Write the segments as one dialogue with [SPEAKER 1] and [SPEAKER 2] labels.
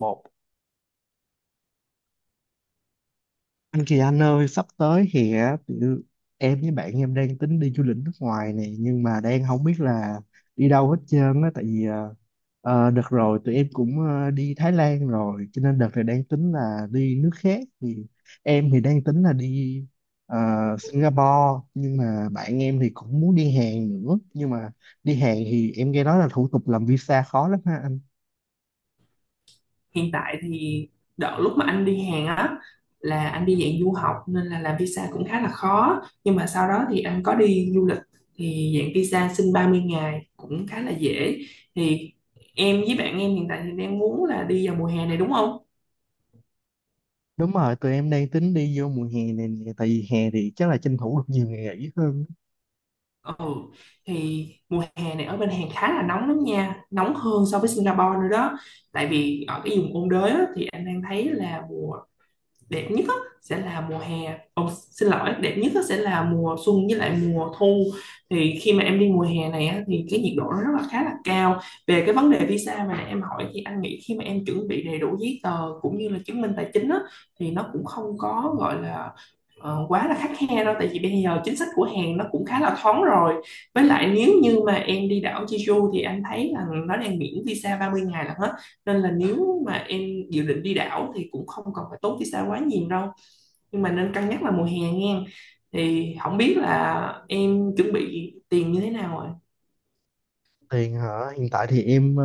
[SPEAKER 1] Một. Anh Kỳ Anh ơi, sắp tới thì á, tụi em với bạn em đang tính đi du lịch nước ngoài này, nhưng mà đang không biết là đi đâu hết trơn á, tại vì đợt rồi tụi em cũng đi Thái Lan rồi, cho nên đợt này đang tính là đi nước khác. Thì em thì đang tính là đi ờ, Singapore, nhưng mà bạn em thì cũng muốn đi Hàn nữa, nhưng mà đi Hàn thì em nghe nói là thủ tục làm visa khó lắm ha anh.
[SPEAKER 2] Hiện tại thì đợt lúc mà anh đi Hàn á, là anh đi dạng du học nên là làm visa cũng khá là khó, nhưng mà sau đó thì anh có đi du lịch thì dạng visa xin 30 ngày cũng khá là dễ. Thì em với bạn em hiện tại thì đang muốn là đi vào mùa hè này đúng không?
[SPEAKER 1] Đúng rồi, tụi em đang tính đi vô mùa hè này nè, tại vì hè thì chắc là tranh thủ được nhiều ngày nghỉ hơn.
[SPEAKER 2] Ừ, thì mùa hè này ở bên Hàn khá là nóng lắm nha, nóng hơn so với Singapore nữa đó, tại vì ở cái vùng ôn đới á, thì anh đang thấy là mùa đẹp nhất á, sẽ là mùa hè. Ồ, xin lỗi, đẹp nhất á, sẽ là mùa xuân với lại mùa thu. Thì khi mà em đi mùa hè này á, thì cái nhiệt độ nó rất là khá là cao. Về cái vấn đề visa mà nãy em hỏi thì anh nghĩ khi mà em chuẩn bị đầy đủ giấy tờ cũng như là chứng minh tài chính á, thì nó cũng không có gọi là quá là khắt khe đâu, tại vì bây giờ chính sách của Hàn nó cũng khá là thoáng rồi. Với lại nếu như mà em đi đảo Jeju thì anh thấy là nó đang miễn visa 30 ngày là hết, nên là nếu mà em dự định đi đảo thì cũng không cần phải tốn visa quá nhiều đâu, nhưng mà nên cân nhắc là mùa hè nha. Thì không biết là em chuẩn bị tiền như thế nào rồi.
[SPEAKER 1] Tiền hả? Hiện tại thì em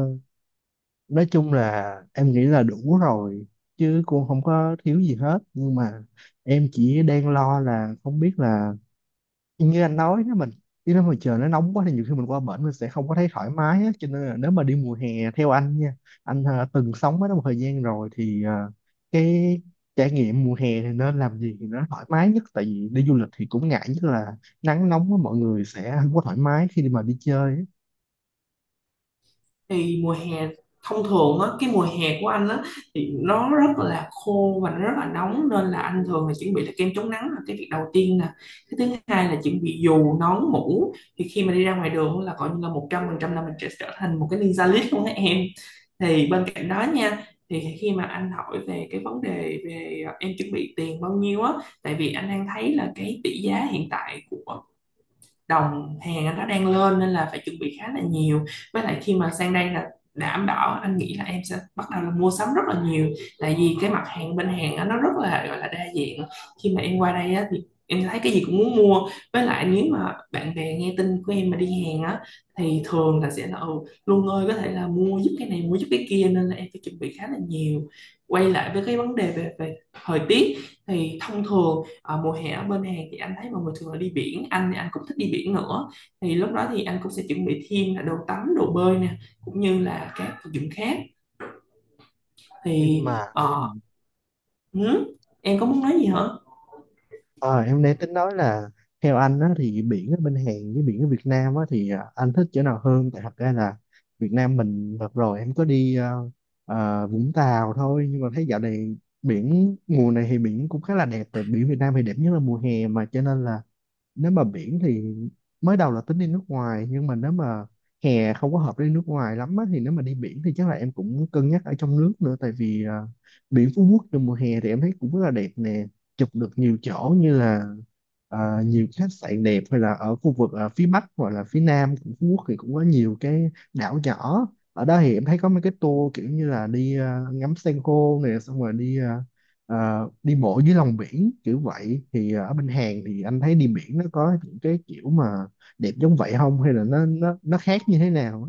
[SPEAKER 1] nói chung là em nghĩ là đủ rồi, chứ cũng không có thiếu gì hết, nhưng mà em chỉ đang lo là không biết là, như anh nói, nếu mình đi, nếu mà trời nó nóng quá thì nhiều khi mình qua bển mình sẽ không có thấy thoải mái á, cho nên là nếu mà đi mùa hè, theo anh nha, anh từng sống ở đó một thời gian rồi thì cái trải nghiệm mùa hè thì nên làm gì thì nó thoải mái nhất, tại vì đi du lịch thì cũng ngại nhất là nắng nóng á, mọi người sẽ không có thoải mái khi đi mà đi chơi á.
[SPEAKER 2] Thì mùa hè thông thường á, cái mùa hè của anh á, thì nó rất là khô và nó rất là nóng, nên là anh thường là chuẩn bị là kem chống nắng là cái việc đầu tiên nè. Cái thứ hai là chuẩn bị dù nón mũ, thì khi mà đi ra ngoài đường là coi như là một trăm phần trăm là mình sẽ trở thành một cái ninja list luôn á em. Thì bên cạnh đó nha, thì khi mà anh hỏi về cái vấn đề về, à, em chuẩn bị tiền bao nhiêu á, tại vì anh đang thấy là cái tỷ giá hiện tại của đồng hàng anh nó đang lên, nên là phải chuẩn bị khá là nhiều. Với lại khi mà sang đây là đảm bảo anh nghĩ là em sẽ bắt đầu là mua sắm rất là nhiều, tại vì cái mặt hàng bên hàng á, nó rất là gọi là đa dạng. Khi mà em qua đây á, thì em thấy cái gì cũng muốn mua, với lại nếu mà bạn bè nghe tin của em mà đi hàng á, thì thường là sẽ là ừ, Luân ơi có thể là mua giúp cái này mua giúp cái kia, nên là em phải chuẩn bị khá là nhiều. Quay lại với cái vấn đề về thời tiết, thì thông thường, ờ, mùa hè ở bên Hàn thì anh thấy mọi người thường là đi biển, anh thì anh cũng thích đi biển nữa. Thì lúc đó thì anh cũng sẽ chuẩn bị thêm là đồ tắm đồ bơi nè, cũng như là các vật dụng khác. thì
[SPEAKER 1] Nhưng mà. Ừ.
[SPEAKER 2] ờ, ừ, em có muốn nói gì hả?
[SPEAKER 1] Ờ, em đang tính nói là, theo anh á, thì biển ở bên Hàn với biển ở Việt Nam á, thì à, anh thích chỗ nào hơn? Tại thật ra là Việt Nam mình đợt rồi em có đi Vũng Tàu thôi, nhưng mà thấy dạo này biển mùa này thì biển cũng khá là đẹp, tại biển Việt Nam thì đẹp nhất là mùa hè mà, cho nên là, nếu mà biển thì, mới đầu là tính đi nước ngoài, nhưng mà nếu mà hè không có hợp đi nước ngoài lắm á, thì nếu mà đi biển thì chắc là em cũng cân nhắc ở trong nước nữa, tại vì à, biển Phú Quốc trong mùa hè thì em thấy cũng rất là đẹp nè, chụp được nhiều chỗ, như là à, nhiều khách sạn đẹp, hay là ở khu vực à, phía Bắc hoặc là phía Nam của Phú Quốc thì cũng có nhiều cái đảo nhỏ. Ở đó thì em thấy có mấy cái tour kiểu như là đi à, ngắm san hô nè, xong rồi đi à, đi bộ dưới lòng biển kiểu vậy. Thì ở bên Hàn thì anh thấy đi biển nó có những cái kiểu mà đẹp giống vậy không, hay là nó khác như thế nào?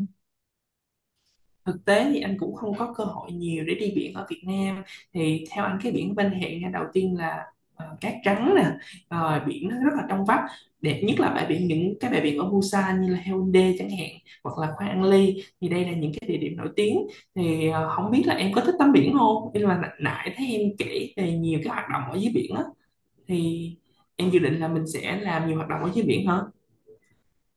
[SPEAKER 2] Thực tế thì anh cũng không có cơ hội nhiều để đi biển ở Việt Nam. Thì theo anh cái biển ven hệ nha, đầu tiên là cát trắng nè, rồi biển nó rất là trong vắt, đẹp nhất là bãi biển, những cái bãi biển ở Busan như là Haeundae chẳng hạn, hoặc là Khoang An Ly. Thì đây là những cái địa điểm nổi tiếng. Không biết là em có thích tắm biển không, nhưng mà nãy nãy thấy em kể về nhiều cái hoạt động ở dưới biển á, thì em dự định là mình sẽ làm nhiều hoạt động ở dưới biển hả?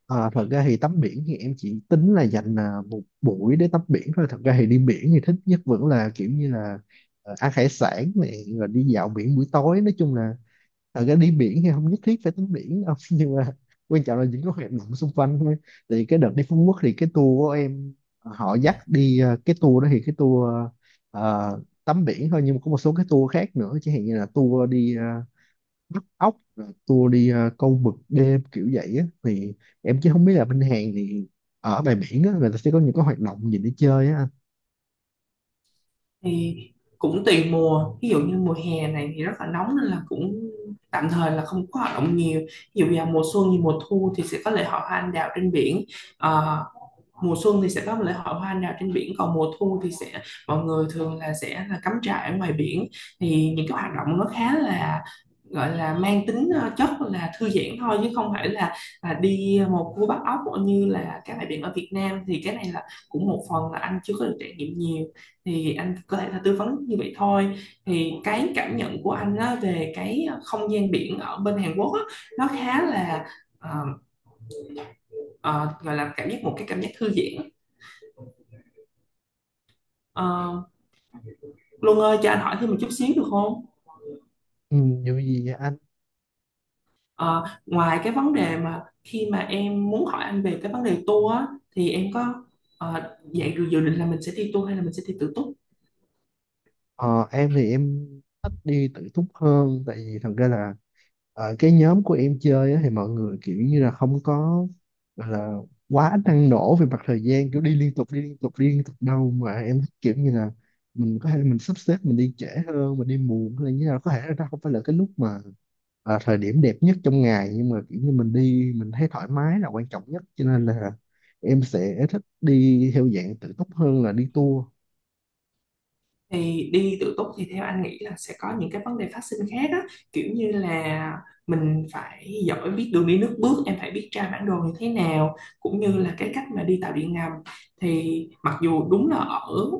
[SPEAKER 1] Ờ, thật ra thì tắm biển thì em chỉ tính là dành à, một buổi để tắm biển thôi. Thật ra thì đi biển thì thích nhất vẫn là kiểu như là ăn hải sản này rồi đi dạo biển buổi tối. Nói chung là thật ra đi biển thì không nhất thiết phải tắm biển đâu. Nhưng mà quan trọng là những cái hoạt động xung quanh thôi. Thì cái đợt đi Phú Quốc thì cái tour của em, họ dắt đi, cái tour đó thì cái tour ờ, tắm biển thôi. Nhưng mà có một số cái tour khác nữa. Chẳng hạn như là tour đi bắt ốc, rồi tour đi câu mực đêm kiểu vậy á. Thì em chứ không biết là bên Hàn thì ở ngoài biển á, người ta sẽ có những cái hoạt động gì để chơi á anh?
[SPEAKER 2] Thì cũng tùy mùa, ví dụ như mùa hè này thì rất là nóng nên là cũng tạm thời là không có hoạt động nhiều. Ví dụ vào mùa xuân như mùa thu thì sẽ có lễ hội hoa anh đào trên biển. Ờ, mùa xuân thì sẽ có lễ hội hoa anh đào trên biển, còn mùa thu thì sẽ mọi người thường là sẽ là cắm trại ở ngoài biển. Thì những cái hoạt động nó khá là gọi là mang tính chất là thư giãn thôi, chứ không phải là đi một cua bắt ốc như là các bãi biển ở Việt Nam. Thì cái này là cũng một phần là anh chưa có được trải nghiệm nhiều, thì anh có thể là tư vấn như vậy thôi. Thì cái cảm nhận của anh á, về cái không gian biển ở bên Hàn Quốc á, nó khá là ờ, ờ, gọi là cảm giác, một cái cảm giác thư giãn. Ờ, Luân ơi cho anh hỏi thêm một chút xíu được không?
[SPEAKER 1] Ừ, như gì vậy?
[SPEAKER 2] Ờ, ngoài cái vấn đề mà khi mà em muốn hỏi anh về cái vấn đề tour á, thì em có ờ, vậy dự dự định là mình sẽ đi tour hay là mình sẽ đi tự túc?
[SPEAKER 1] Ờ, em thì em thích đi tự túc hơn, tại vì thật ra là ở cái nhóm của em chơi á, thì mọi người kiểu như là không có, gọi là, quá năng nổ về mặt thời gian, kiểu đi liên tục đi liên tục đi liên tục đâu, mà em thích kiểu như là mình có thể là mình sắp xếp mình đi trễ hơn, mình đi muộn hay là như nào, có thể là nó không phải là cái lúc mà à, thời điểm đẹp nhất trong ngày, nhưng mà kiểu như mình đi mình thấy thoải mái là quan trọng nhất, cho nên là em sẽ thích đi theo dạng tự túc hơn là đi tour.
[SPEAKER 2] Thì đi tự túc thì theo anh nghĩ là sẽ có những cái vấn đề phát sinh khác á, kiểu như là mình phải giỏi biết đường đi nước bước, em phải biết tra bản đồ như thế nào, cũng như là cái cách mà đi tàu điện ngầm. Thì mặc dù đúng là ở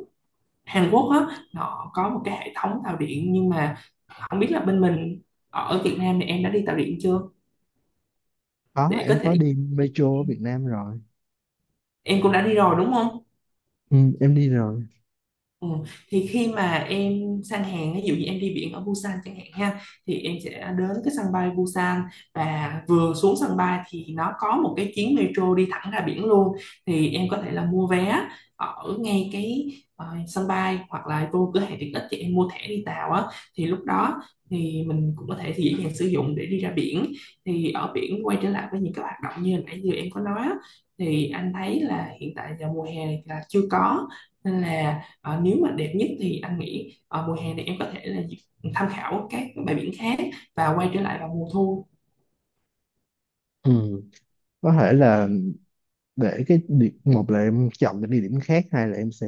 [SPEAKER 2] Hàn Quốc á nó có một cái hệ thống tàu điện, nhưng mà không biết là bên mình, ở Việt Nam thì em đã đi tàu điện chưa,
[SPEAKER 1] Có,
[SPEAKER 2] để có
[SPEAKER 1] em có
[SPEAKER 2] thể
[SPEAKER 1] đi metro ở Việt Nam rồi.
[SPEAKER 2] em cũng đã đi rồi đúng không?
[SPEAKER 1] Ừ, em đi rồi.
[SPEAKER 2] Ừ. Thì khi mà em sang hàng, ví dụ như em đi biển ở Busan chẳng hạn ha, thì em sẽ đến cái sân bay Busan, và vừa xuống sân bay thì nó có một cái chuyến metro đi thẳng ra biển luôn. Thì em có thể là mua vé ở ngay cái sân bay, hoặc là vô cửa hàng tiện ích thì em mua thẻ đi tàu á, thì lúc đó thì mình cũng có thể thì dễ dàng sử dụng để đi ra biển. Thì ở biển, quay trở lại với những cái hoạt động như hồi nãy giờ em có nói á, thì anh thấy là hiện tại giờ mùa hè này là chưa có, nên là ờ, nếu mà đẹp nhất thì anh nghĩ mùa hè này em có thể là tham khảo các bãi biển khác, và quay trở lại vào mùa thu.
[SPEAKER 1] Ừ. Có thể là, để cái điểm, một là em chọn cái địa điểm khác, hai là em sẽ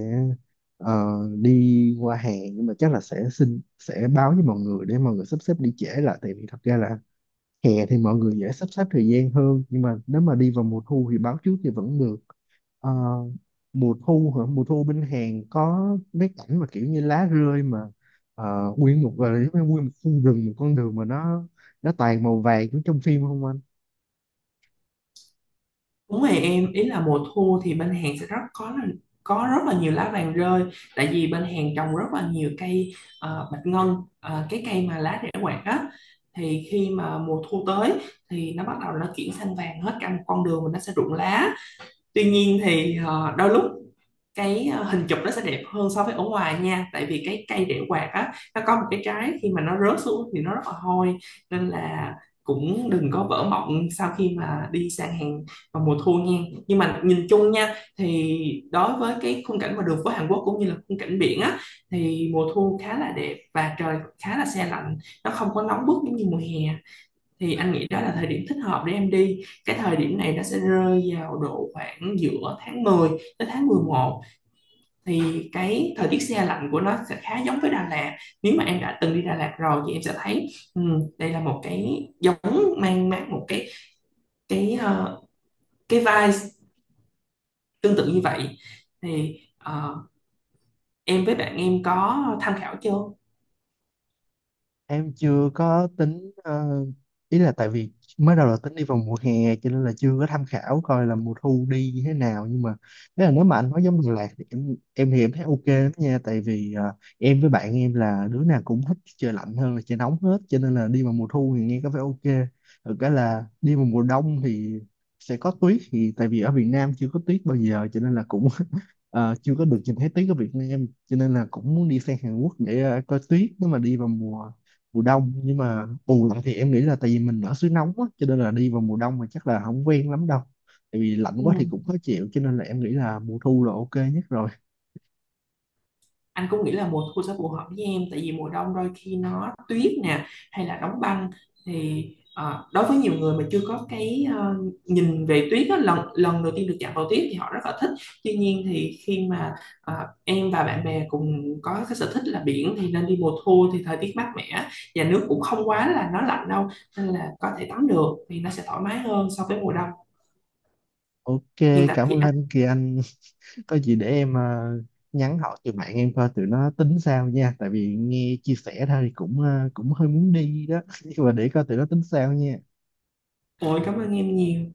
[SPEAKER 1] ờ, đi qua hàng, nhưng mà chắc là sẽ xin, sẽ báo với mọi người để mọi người sắp xếp đi trễ lại, tại vì thật ra là hè thì mọi người dễ sắp xếp thời gian hơn, nhưng mà nếu mà đi vào mùa thu thì báo trước thì vẫn được. Ờ, mùa thu hả? Mùa thu bên Hàn có mấy cảnh mà kiểu như lá rơi mà nguyên một, gọi là giống như nguyên một khu rừng, một con đường mà nó toàn màu vàng giống trong phim không anh?
[SPEAKER 2] Đúng rồi em, ý là mùa thu thì bên Hàn sẽ rất có là có rất là nhiều lá vàng rơi, tại vì bên Hàn trồng rất là nhiều cây bạch ngân, cái cây mà lá rễ quạt á. Thì khi mà mùa thu tới thì nó bắt đầu nó chuyển sang vàng hết cả một con đường và nó sẽ rụng lá. Tuy nhiên thì đôi lúc cái hình chụp nó sẽ đẹp hơn so với ở ngoài nha, tại vì cái cây đĩa quạt á nó có một cái trái, khi mà nó rớt xuống thì nó rất là hôi, nên là cũng đừng có vỡ mộng sau khi mà đi sang hàng vào mùa thu nha. Nhưng mà nhìn chung nha, thì đối với cái khung cảnh mà đường phố Hàn Quốc cũng như là khung cảnh biển á, thì mùa thu khá là đẹp và trời khá là se lạnh, nó không có nóng bức giống như mùa hè. Thì anh nghĩ đó là thời điểm thích hợp để em đi, cái thời điểm này nó sẽ rơi vào độ khoảng giữa tháng 10 tới tháng mười một. Thì cái thời tiết se lạnh của nó sẽ khá giống với Đà Lạt, nếu mà em đã từng đi Đà Lạt rồi thì em sẽ thấy đây là một cái giống mang mát, một cái cái ờ, cái vibe tương tự như vậy. thì ờ, em với bạn em có tham khảo chưa?
[SPEAKER 1] Em chưa có tính, ý là tại vì mới đầu là tính đi vào mùa hè, cho nên là chưa có tham khảo coi là mùa thu đi như thế nào, nhưng mà nếu mà anh nói giống Đà Lạt thì em thì em thấy OK lắm nha, tại vì em với bạn em là đứa nào cũng thích trời lạnh hơn là trời nóng hết, cho nên là đi vào mùa thu thì nghe có vẻ OK. Thực cái là đi vào mùa đông thì sẽ có tuyết, thì tại vì ở Việt Nam chưa có tuyết bao giờ cho nên là cũng chưa có được nhìn thấy tuyết ở Việt Nam, cho nên là cũng muốn đi sang Hàn Quốc để coi tuyết nếu mà đi vào mùa mùa đông, nhưng mà bù lại thì em nghĩ là tại vì mình ở xứ nóng á, cho nên là đi vào mùa đông mà chắc là không quen lắm đâu, tại vì lạnh
[SPEAKER 2] Ừ.
[SPEAKER 1] quá thì cũng khó chịu, cho nên là em nghĩ là mùa thu là OK nhất rồi.
[SPEAKER 2] Anh cũng nghĩ là mùa thu sẽ phù hợp với em, tại vì mùa đông đôi khi nó tuyết nè, hay là đóng băng. thì Đối với nhiều người mà chưa có cái nhìn về tuyết á, lần lần đầu tiên được chạm vào tuyết thì họ rất là thích. Tuy nhiên thì khi mà ờ, em và bạn bè cùng có cái sở thích là biển thì nên đi mùa thu, thì thời tiết mát mẻ và nước cũng không quá là nó lạnh đâu, nên là có thể tắm được thì nó sẽ thoải mái hơn so với mùa đông.
[SPEAKER 1] OK,
[SPEAKER 2] Hiện tại
[SPEAKER 1] cảm
[SPEAKER 2] thì
[SPEAKER 1] ơn
[SPEAKER 2] anh,
[SPEAKER 1] anh Kỳ Anh. Có gì để em nhắn hỏi tụi bạn em coi tụi nó tính sao nha, tại vì nghe chia sẻ thôi thì cũng cũng hơi muốn đi đó, nhưng mà để coi tụi nó tính sao nha.
[SPEAKER 2] ôi cảm ơn em nhiều.